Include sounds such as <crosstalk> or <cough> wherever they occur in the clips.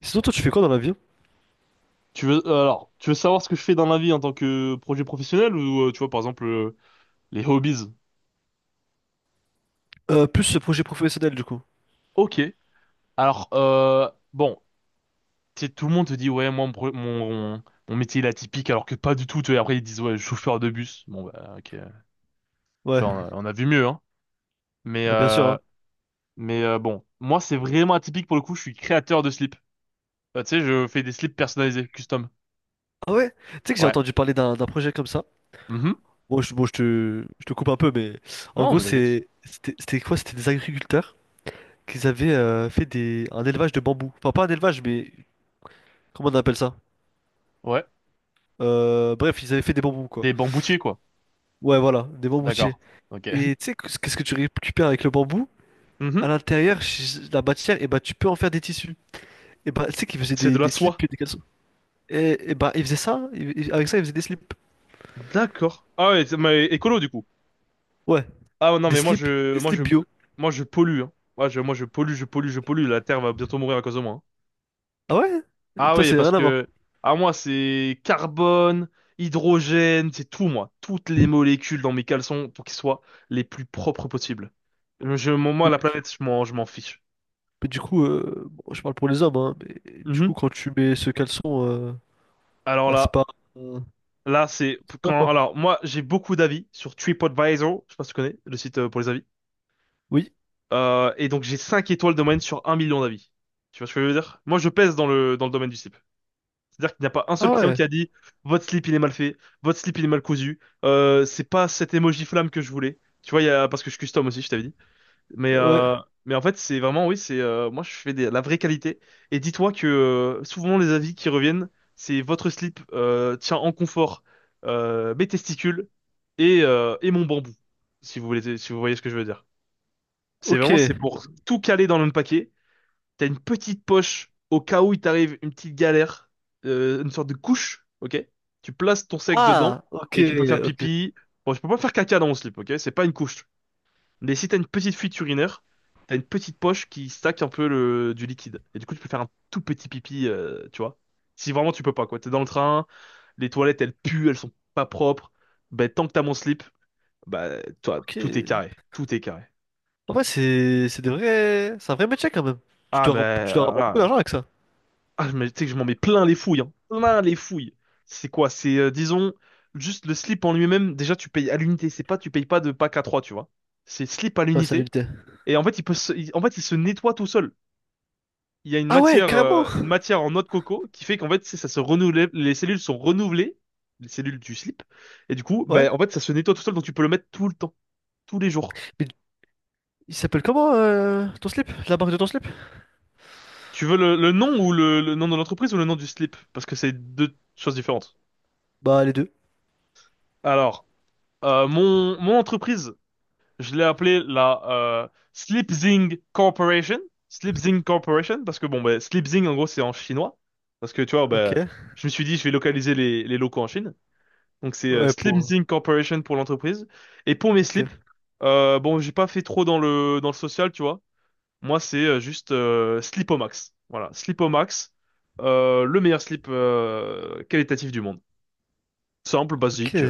Sinon, toi, tu fais quoi dans la vie? Tu veux alors, tu veux savoir ce que je fais dans la vie en tant que projet professionnel ou tu vois par exemple, les hobbies? Plus ce projet professionnel, du coup. Ok. Alors bon, tu sais, tout le monde te dit ouais moi mon, pro- mon mon métier il est atypique alors que pas du tout. Tu vois, après ils disent ouais chauffeur de bus. Bon bah ok. Tu Ouais, vois on a vu mieux, hein. Mais ah, bien sûr, euh, hein. mais bon moi c'est vraiment atypique pour le coup. Je suis créateur de slips. Tu sais je fais des slips personnalisés custom. Ah ouais? Tu sais que j'ai Ouais. entendu parler d'un projet comme ça. Mhm. Bon, je te coupe un peu, mais en Non gros, mais t'inquiète. c'était quoi? C'était des agriculteurs qui avaient fait un élevage de bambou. Enfin, pas un élevage, mais comment on appelle ça? Ouais. Bref, ils avaient fait des bambous, quoi. Des bamboutiers, quoi. Ouais, voilà, des bamboutiers. D'accord. Ok. <laughs> Et tu sais, qu'est-ce que tu récupères avec le bambou? À Mhm. l'intérieur, la matière, et bah, tu peux en faire des tissus. Et bah, tu sais qu'ils faisaient C'est de la des soie. slips et des caleçons. Et bah, ils faisaient ça, avec ça, ils faisaient des slips. D'accord. Ah ouais, mais écolo du coup. Ouais, Ah ouais, non, des mais moi slips, je, des moi slips je, bio. moi je pollue, hein. Moi je pollue, je pollue, je pollue. La Terre va bientôt mourir à cause de moi, hein. Ah ouais? Ah Toi, oui, c'est parce rien à voir. que à moi c'est carbone, hydrogène, c'est tout moi. Toutes les Mais, molécules dans mes caleçons pour qu'ils soient les plus propres possibles. Moi mais la du planète, je m'en fiche. mais du coup, bon, je parle pour les hommes, hein, mais du Mhm. coup, quand tu mets ce caleçon, Alors bah, c'est là, pas. euh, là c'est c'est pas quand. quoi? Alors moi j'ai beaucoup d'avis sur TripAdvisor. Je sais pas si tu connais le site, pour les avis. Oui. Et donc j'ai 5 étoiles de moyenne sur 1 million d'avis. Tu vois ce que je veux dire? Moi je pèse dans le domaine du slip. C'est-à-dire qu'il n'y a pas un seul Ah client ouais, qui a dit votre slip il est mal fait, votre slip il est mal cousu, c'est pas cet emoji flamme que je voulais. Tu vois, parce que je custom aussi, je t'avais dit. Mais, ouais, euh, mais en fait, c'est vraiment, oui, c'est, moi je fais la vraie qualité. Et dis-toi que souvent les avis qui reviennent, c'est votre slip tient en confort mes testicules et mon bambou, si vous voulez, si vous voyez ce que je veux dire. C'est ok. vraiment, c'est pour tout caler dans le même paquet. T'as une petite poche au cas où il t'arrive une petite galère, une sorte de couche, ok? Tu places ton sexe dedans Ah, ok, et tu peux faire ok, pipi. Bon, je peux pas faire caca dans mon slip, ok? C'est pas une couche. Mais si t'as une petite fuite urinaire, t'as une petite poche qui stack un peu du liquide. Et du coup, tu peux faire un tout petit pipi, tu vois? Si vraiment tu peux pas, quoi. T'es dans le train, les toilettes, elles puent, elles sont pas propres. Ben, tant que t'as mon slip, bah, toi, ok. tout est carré. Tout est carré. En vrai, c'est des vrais. C'est un vrai métier quand même. Tu Ah, dois, mais... tu dois avoir beaucoup ah, d'argent avec ça. Ah, mais tu sais que je m'en mets plein les fouilles, hein. Plein les fouilles. C'est quoi? C'est, disons, juste le slip en lui-même, déjà tu payes à l'unité, c'est pas, tu payes pas de pack à 3, tu vois. C'est slip à Ouais, ça l'unité, l'unité. et en fait, il peut se, il- en fait, il se nettoie tout seul. Il y a une Ah ouais, matière, carrément! euh, une matière en noix de coco qui fait qu'en fait, ça se renouvelle, les cellules sont renouvelées, les cellules du slip, et du coup, Ouais. ben, en fait, ça se nettoie tout seul, donc tu peux le mettre tout le temps, tous les jours. Mais il s'appelle comment ton slip? La marque de ton slip? Tu veux le nom ou le nom de l'entreprise ou le nom du slip? Parce que c'est deux choses différentes. Bah, les deux. Alors, mon entreprise, je l'ai appelé la Sleepzing Corporation. Sleepzing Corporation, parce que bon, ben, Sleepzing, en gros, c'est en chinois. Parce que tu vois, Ok. ben, je me suis dit, je vais localiser les locaux en Chine. Donc c'est Ouais, pour. Sleepzing Corporation pour l'entreprise. Et pour mes Ok. slips, bon, j'ai pas fait trop dans le social, tu vois. Moi, c'est juste Slipomax. Voilà, Slipomax, le meilleur slip qualitatif du monde. Simple, Ok, basique.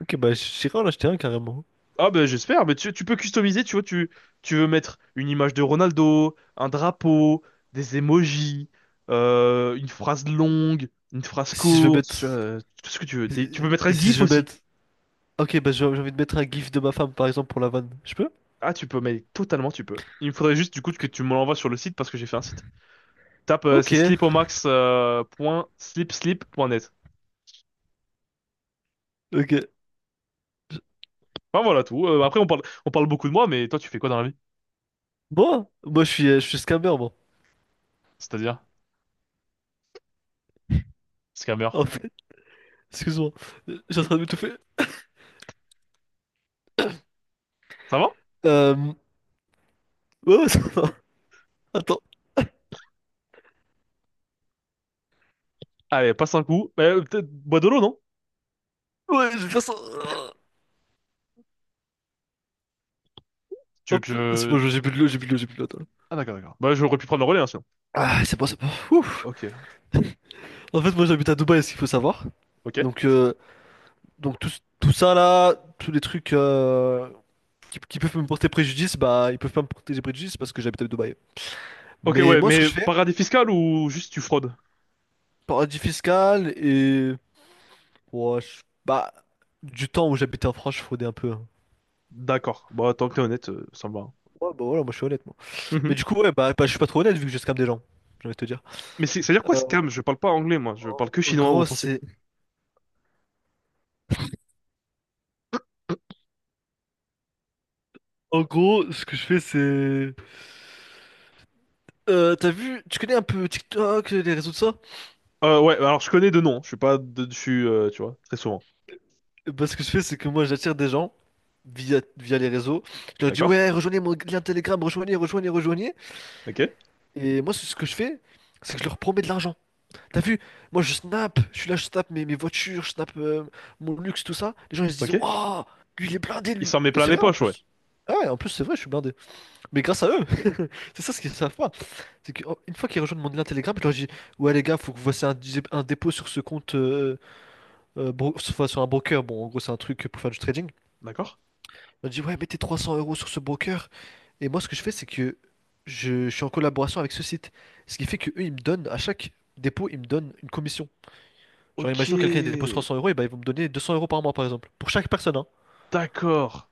ok, bah j'irai en acheter un carrément. Ah ben j'espère, mais tu peux customiser, tu vois, tu veux mettre une image de Ronaldo, un drapeau, des emojis, une phrase longue, une phrase Si je veux courte, mettre. tu vois, tout ce que tu veux. Tu peux mettre un Si GIF je veux aussi. mettre. Ok, bah j'ai envie de mettre un gif de ma femme par exemple pour la vanne. Je peux? Ah tu peux, mais totalement tu peux. Il me faudrait juste du coup que Ok. tu me l'envoies sur le site parce que j'ai fait un site. Tape, Ok. c'est slipomax.slipslip.net. Ok. Enfin voilà tout. Après on parle beaucoup de moi, mais toi tu fais quoi dans la vie? Moi? Moi je suis scammer, moi. C'est-à-dire, scammer. En fait, excuse-moi. J'ai en train de m'étouffer. Ça va? Euh. Ouais, ouais, <laughs> ça va. Attends. Allez, passe un coup. Peut-être bois de l'eau, non? Ouais, je vais faire ça. Tu veux que Hop. C'est bon, je... j'ai plus de l'eau, j'ai plus de l'eau, j'ai plus de l'eau, attends. Ah d'accord, d'accord. Bah, j'aurais pu prendre le relais, hein, sinon. Ah, c'est bon, c'est bon. Ouf. Ok, En fait, moi j'habite à Dubaï, ce qu'il faut savoir. ok. Donc, euh, donc tout ça là, tous les trucs, qui peuvent me porter préjudice, bah ils peuvent pas me porter préjudice parce que j'habite à Dubaï. Ok, Mais ouais, moi, ce que mais je fais, paradis fiscal ou juste tu fraudes? paradis fiscal et ouais, bah du temps où j'habitais en France, je fraudais un peu, hein. D'accord. Bah, tant que t'es honnête, ça me va. Ouais, bah voilà, moi je suis honnête moi. Mais Mhm. du coup, ouais, je suis pas trop honnête vu que je scam des gens. J'ai envie de te dire. Mais c'est-à-dire quoi, Euh, scam? Je parle pas anglais, moi. Je parle en que en chinois ou gros, français. c'est en gros, ce que je fais, c'est t'as vu, tu connais un peu TikTok, les réseaux de ça? Ouais, alors je connais deux noms. Je suis pas de dessus, tu vois, très souvent. Bah, ce que je fais, c'est que moi, j'attire des gens via les réseaux. Je leur dis, D'accord? ouais, rejoignez mon lien Telegram, rejoignez, rejoignez, rejoignez. Ok, Et moi, c'est ce que je fais, c'est que je leur promets de l'argent. T'as vu? Moi, je snap, je suis là, je snap mes, mes voitures, je snap mon luxe, tout ça. Les gens, ils se disent, ok. oh lui, il est blindé, Il lui. s'en met Et plein c'est les vrai, en poches, ouais. plus. Ah ouais, en plus, c'est vrai, je suis blindé. Mais grâce à eux, <laughs> c'est ça ce qu'ils savent pas. C'est qu'une fois qu'ils rejoignent mon lien Telegram, je leur dis, ouais, les gars, faut que vous fassiez un dépôt sur ce compte, enfin, sur un broker. Bon, en gros, c'est un truc pour faire du trading. D'accord? Je leur dis, ouais, mettez 300 euros sur ce broker. Et moi, ce que je fais, c'est que je suis en collaboration avec ce site. Ce qui fait que eux, ils me donnent, à chaque dépôt, ils me donnent une commission. Genre, Ok, imaginons que quelqu'un dépose 300 euros, et ben, ils vont me donner 200 euros par mois, par exemple. Pour chaque personne, hein. d'accord.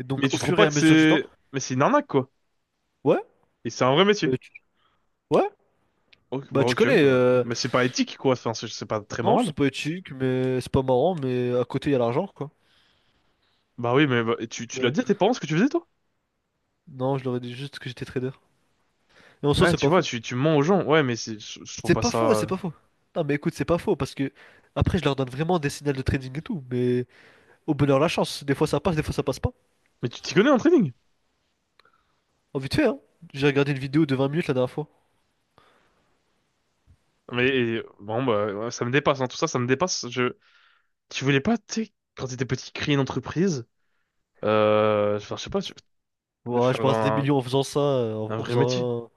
Et donc, Mais au tu trouves fur et pas à que mesure du temps, c'est... Mais c'est une arnaque, quoi. ouais, Et c'est un vrai métier. bah, tu, ouais, Ok, bah, bah, tu ok, connais, bah. Mais c'est pas éthique, quoi. Enfin, c'est pas très non, moral. c'est pas éthique, mais c'est pas marrant, mais à côté, il y a l'argent, quoi. Bah oui, mais bah, tu, Donc, tu l'as dit à euh, tes parents ce que tu faisais, toi? non, je leur ai dit juste que j'étais trader. Et en soi, Ouais, c'est tu pas vois, faux. tu mens aux gens. Ouais, mais je trouve C'est pas pas faux, ouais, c'est ça. pas faux. Non, mais écoute, c'est pas faux, parce que après, je leur donne vraiment des signaux de trading et tout, mais au bonheur, la chance. Des fois, ça passe, des fois, ça passe pas. Mais tu t'y connais en trading. Oh, vite fait, hein. J'ai regardé une vidéo de 20 minutes la dernière fois. Mais bon, bah, ouais, ça me dépasse, hein. Tout ça, ça me dépasse. Tu voulais pas, tu sais, quand t'étais petit, créer une entreprise, enfin, je sais pas, Ouais, je faire brasse des un, millions en faisant ça, un en vrai métier. faisant un...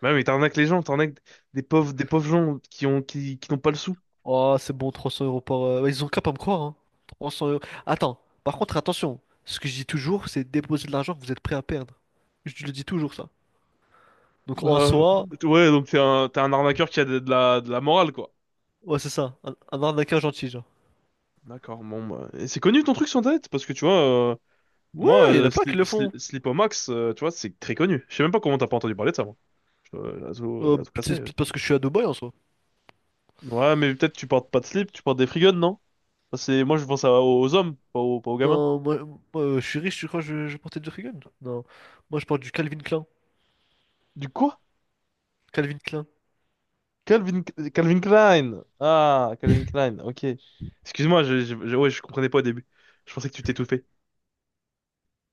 Bah, oui, mais t'arnaques les gens, t'arnaques des pauvres gens qui n'ont pas le sou. Oh, c'est bon, 300 euros par... ouais, ils ont qu'à pas me croire, hein. 300 euros... Attends, par contre, attention. Ce que je dis toujours, c'est déposer de l'argent que vous êtes prêt à perdre. Je le dis toujours, ça. Donc, en Bah, soi, ouais, donc t'es un arnaqueur qui a de la morale, quoi. ouais, c'est ça. Un arnaqueur gentil, genre. D'accord, bon, bah, et c'est connu ton truc sur internet, parce que tu vois. euh, Ouais, Moi, il y en a plein qui le font. Slipomax, tu vois, c'est très connu. Je sais même pas comment t'as pas entendu parler de ça, moi. Je dois- Euh, la zo cassée, c'est euh. peut-être parce que je suis à Dubaï, en soi. Ouais, mais peut-être tu portes pas de slip, tu portes des free guns, non? Parce que moi, je pense aux hommes, pas aux gamins. Non, moi, moi, je suis riche, tu crois que je portais du Reagan? Non. Moi, je porte du Calvin Klein. Du quoi? Calvin Klein. Calvin, Calvin Klein. Ah, Calvin Klein, ok. Excuse-moi, ouais, je comprenais pas au début. Je pensais que tu t'étouffais.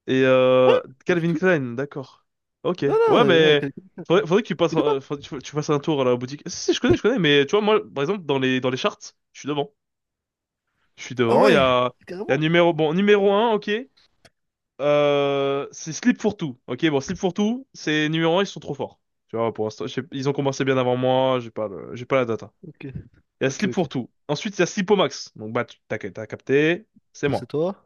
Et Ouais, pas du Calvin tout. Klein, d'accord. Ok. Non, Ouais, non, ouais, mais quelqu'un. faudrait, faudrait que tu passes, Il est pas. un- faudrait que tu fasses un tour à la boutique. Si, si, je connais, mais tu vois, moi, par exemple, dans les charts, je suis devant. Je suis Ah devant. Il y ouais, a, il y a carrément. numéro, bon, numéro un, ok. C'est Slip for Two. Ok, bon, Slip for Two, c'est numéro un, ils sont trop forts. Tu vois, pour l'instant, ils ont commencé bien avant moi, j'ai pas la data. Ok, Il y a ok, Slip ok. for Two. Ensuite, il y a Sleepomax. Donc, bah, t'as capté, c'est Ça, c'est moi. toi.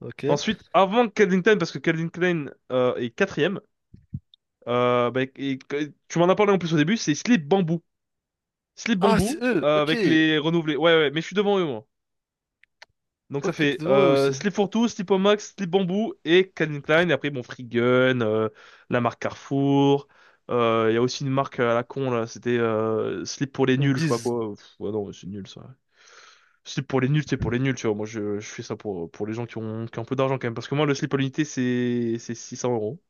Ok. Ensuite, avant Calvin Klein, parce que Calvin Klein est quatrième, bah, tu m'en as parlé en plus au début, c'est Slip Bamboo. Slip Ah, Bamboo, c'est eux. Ok. avec les renouvelés. Ouais, ouais, mais je suis devant eux, moi. Donc ça Ok, t'es fait devant eux aussi. Slip for Two, Slip Max, Slip Bamboo et Calvin Klein. Et après, bon, Free Gun, la marque Carrefour. Il y a aussi une marque à la con, là. C'était Slip pour les Ils me nuls, je sais pas disent. quoi. Pff, ouais, non, c'est nul, ça. Slip pour les nuls, c'est pour les nuls, tu vois. Moi, je fais ça pour les gens qui ont un peu d'argent, quand même. Parce que moi, le slip à l'unité, c'est 600 euros.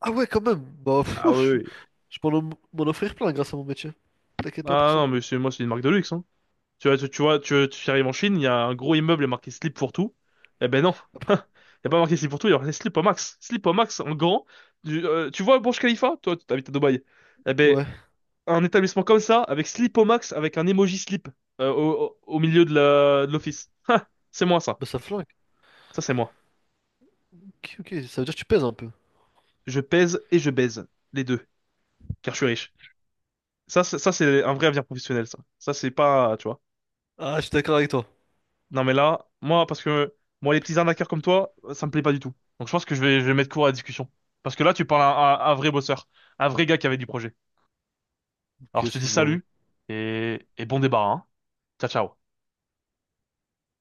Ah ouais, quand même. Bah, Ah fou, oui, oui. je peux m'en offrir plein grâce à mon métier. T'inquiète pas pour Ah ça. non, mais c'est moi, c'est une marque de luxe, hein. Tu vois, tu arrives en Chine, il y a un gros immeuble marqué slip pour tout. Eh ben non. <laughs> Après- Il n'y a pas marqué slip pour tout, il y a marqué slip au max. Slip au max en grand. Tu vois Burj Khalifa? Toi, tu habites à Dubaï. Eh ben, Ouais, un établissement comme ça, avec slip au max, avec un emoji slip au milieu de l'office. <laughs> C'est moi, ça. bah ça flingue. Ça, c'est moi. Ok, ok, ça veut dire que tu pèses un peu. Je pèse et je baise. Les deux. Car je suis riche. Ça, c'est un vrai avenir professionnel, ça. Ça, c'est pas, tu vois. Ah, je suis d'accord avec toi. Non mais là, moi, parce que moi, les petits arnaqueurs comme toi, ça me plaît pas du tout. Donc je pense que je vais mettre court à la discussion. Parce que là, tu parles à un vrai bosseur, un vrai gars qui avait du projet. Ok, Alors je te dis excuse-moi. salut et bon débarras, hein. Ciao, ciao.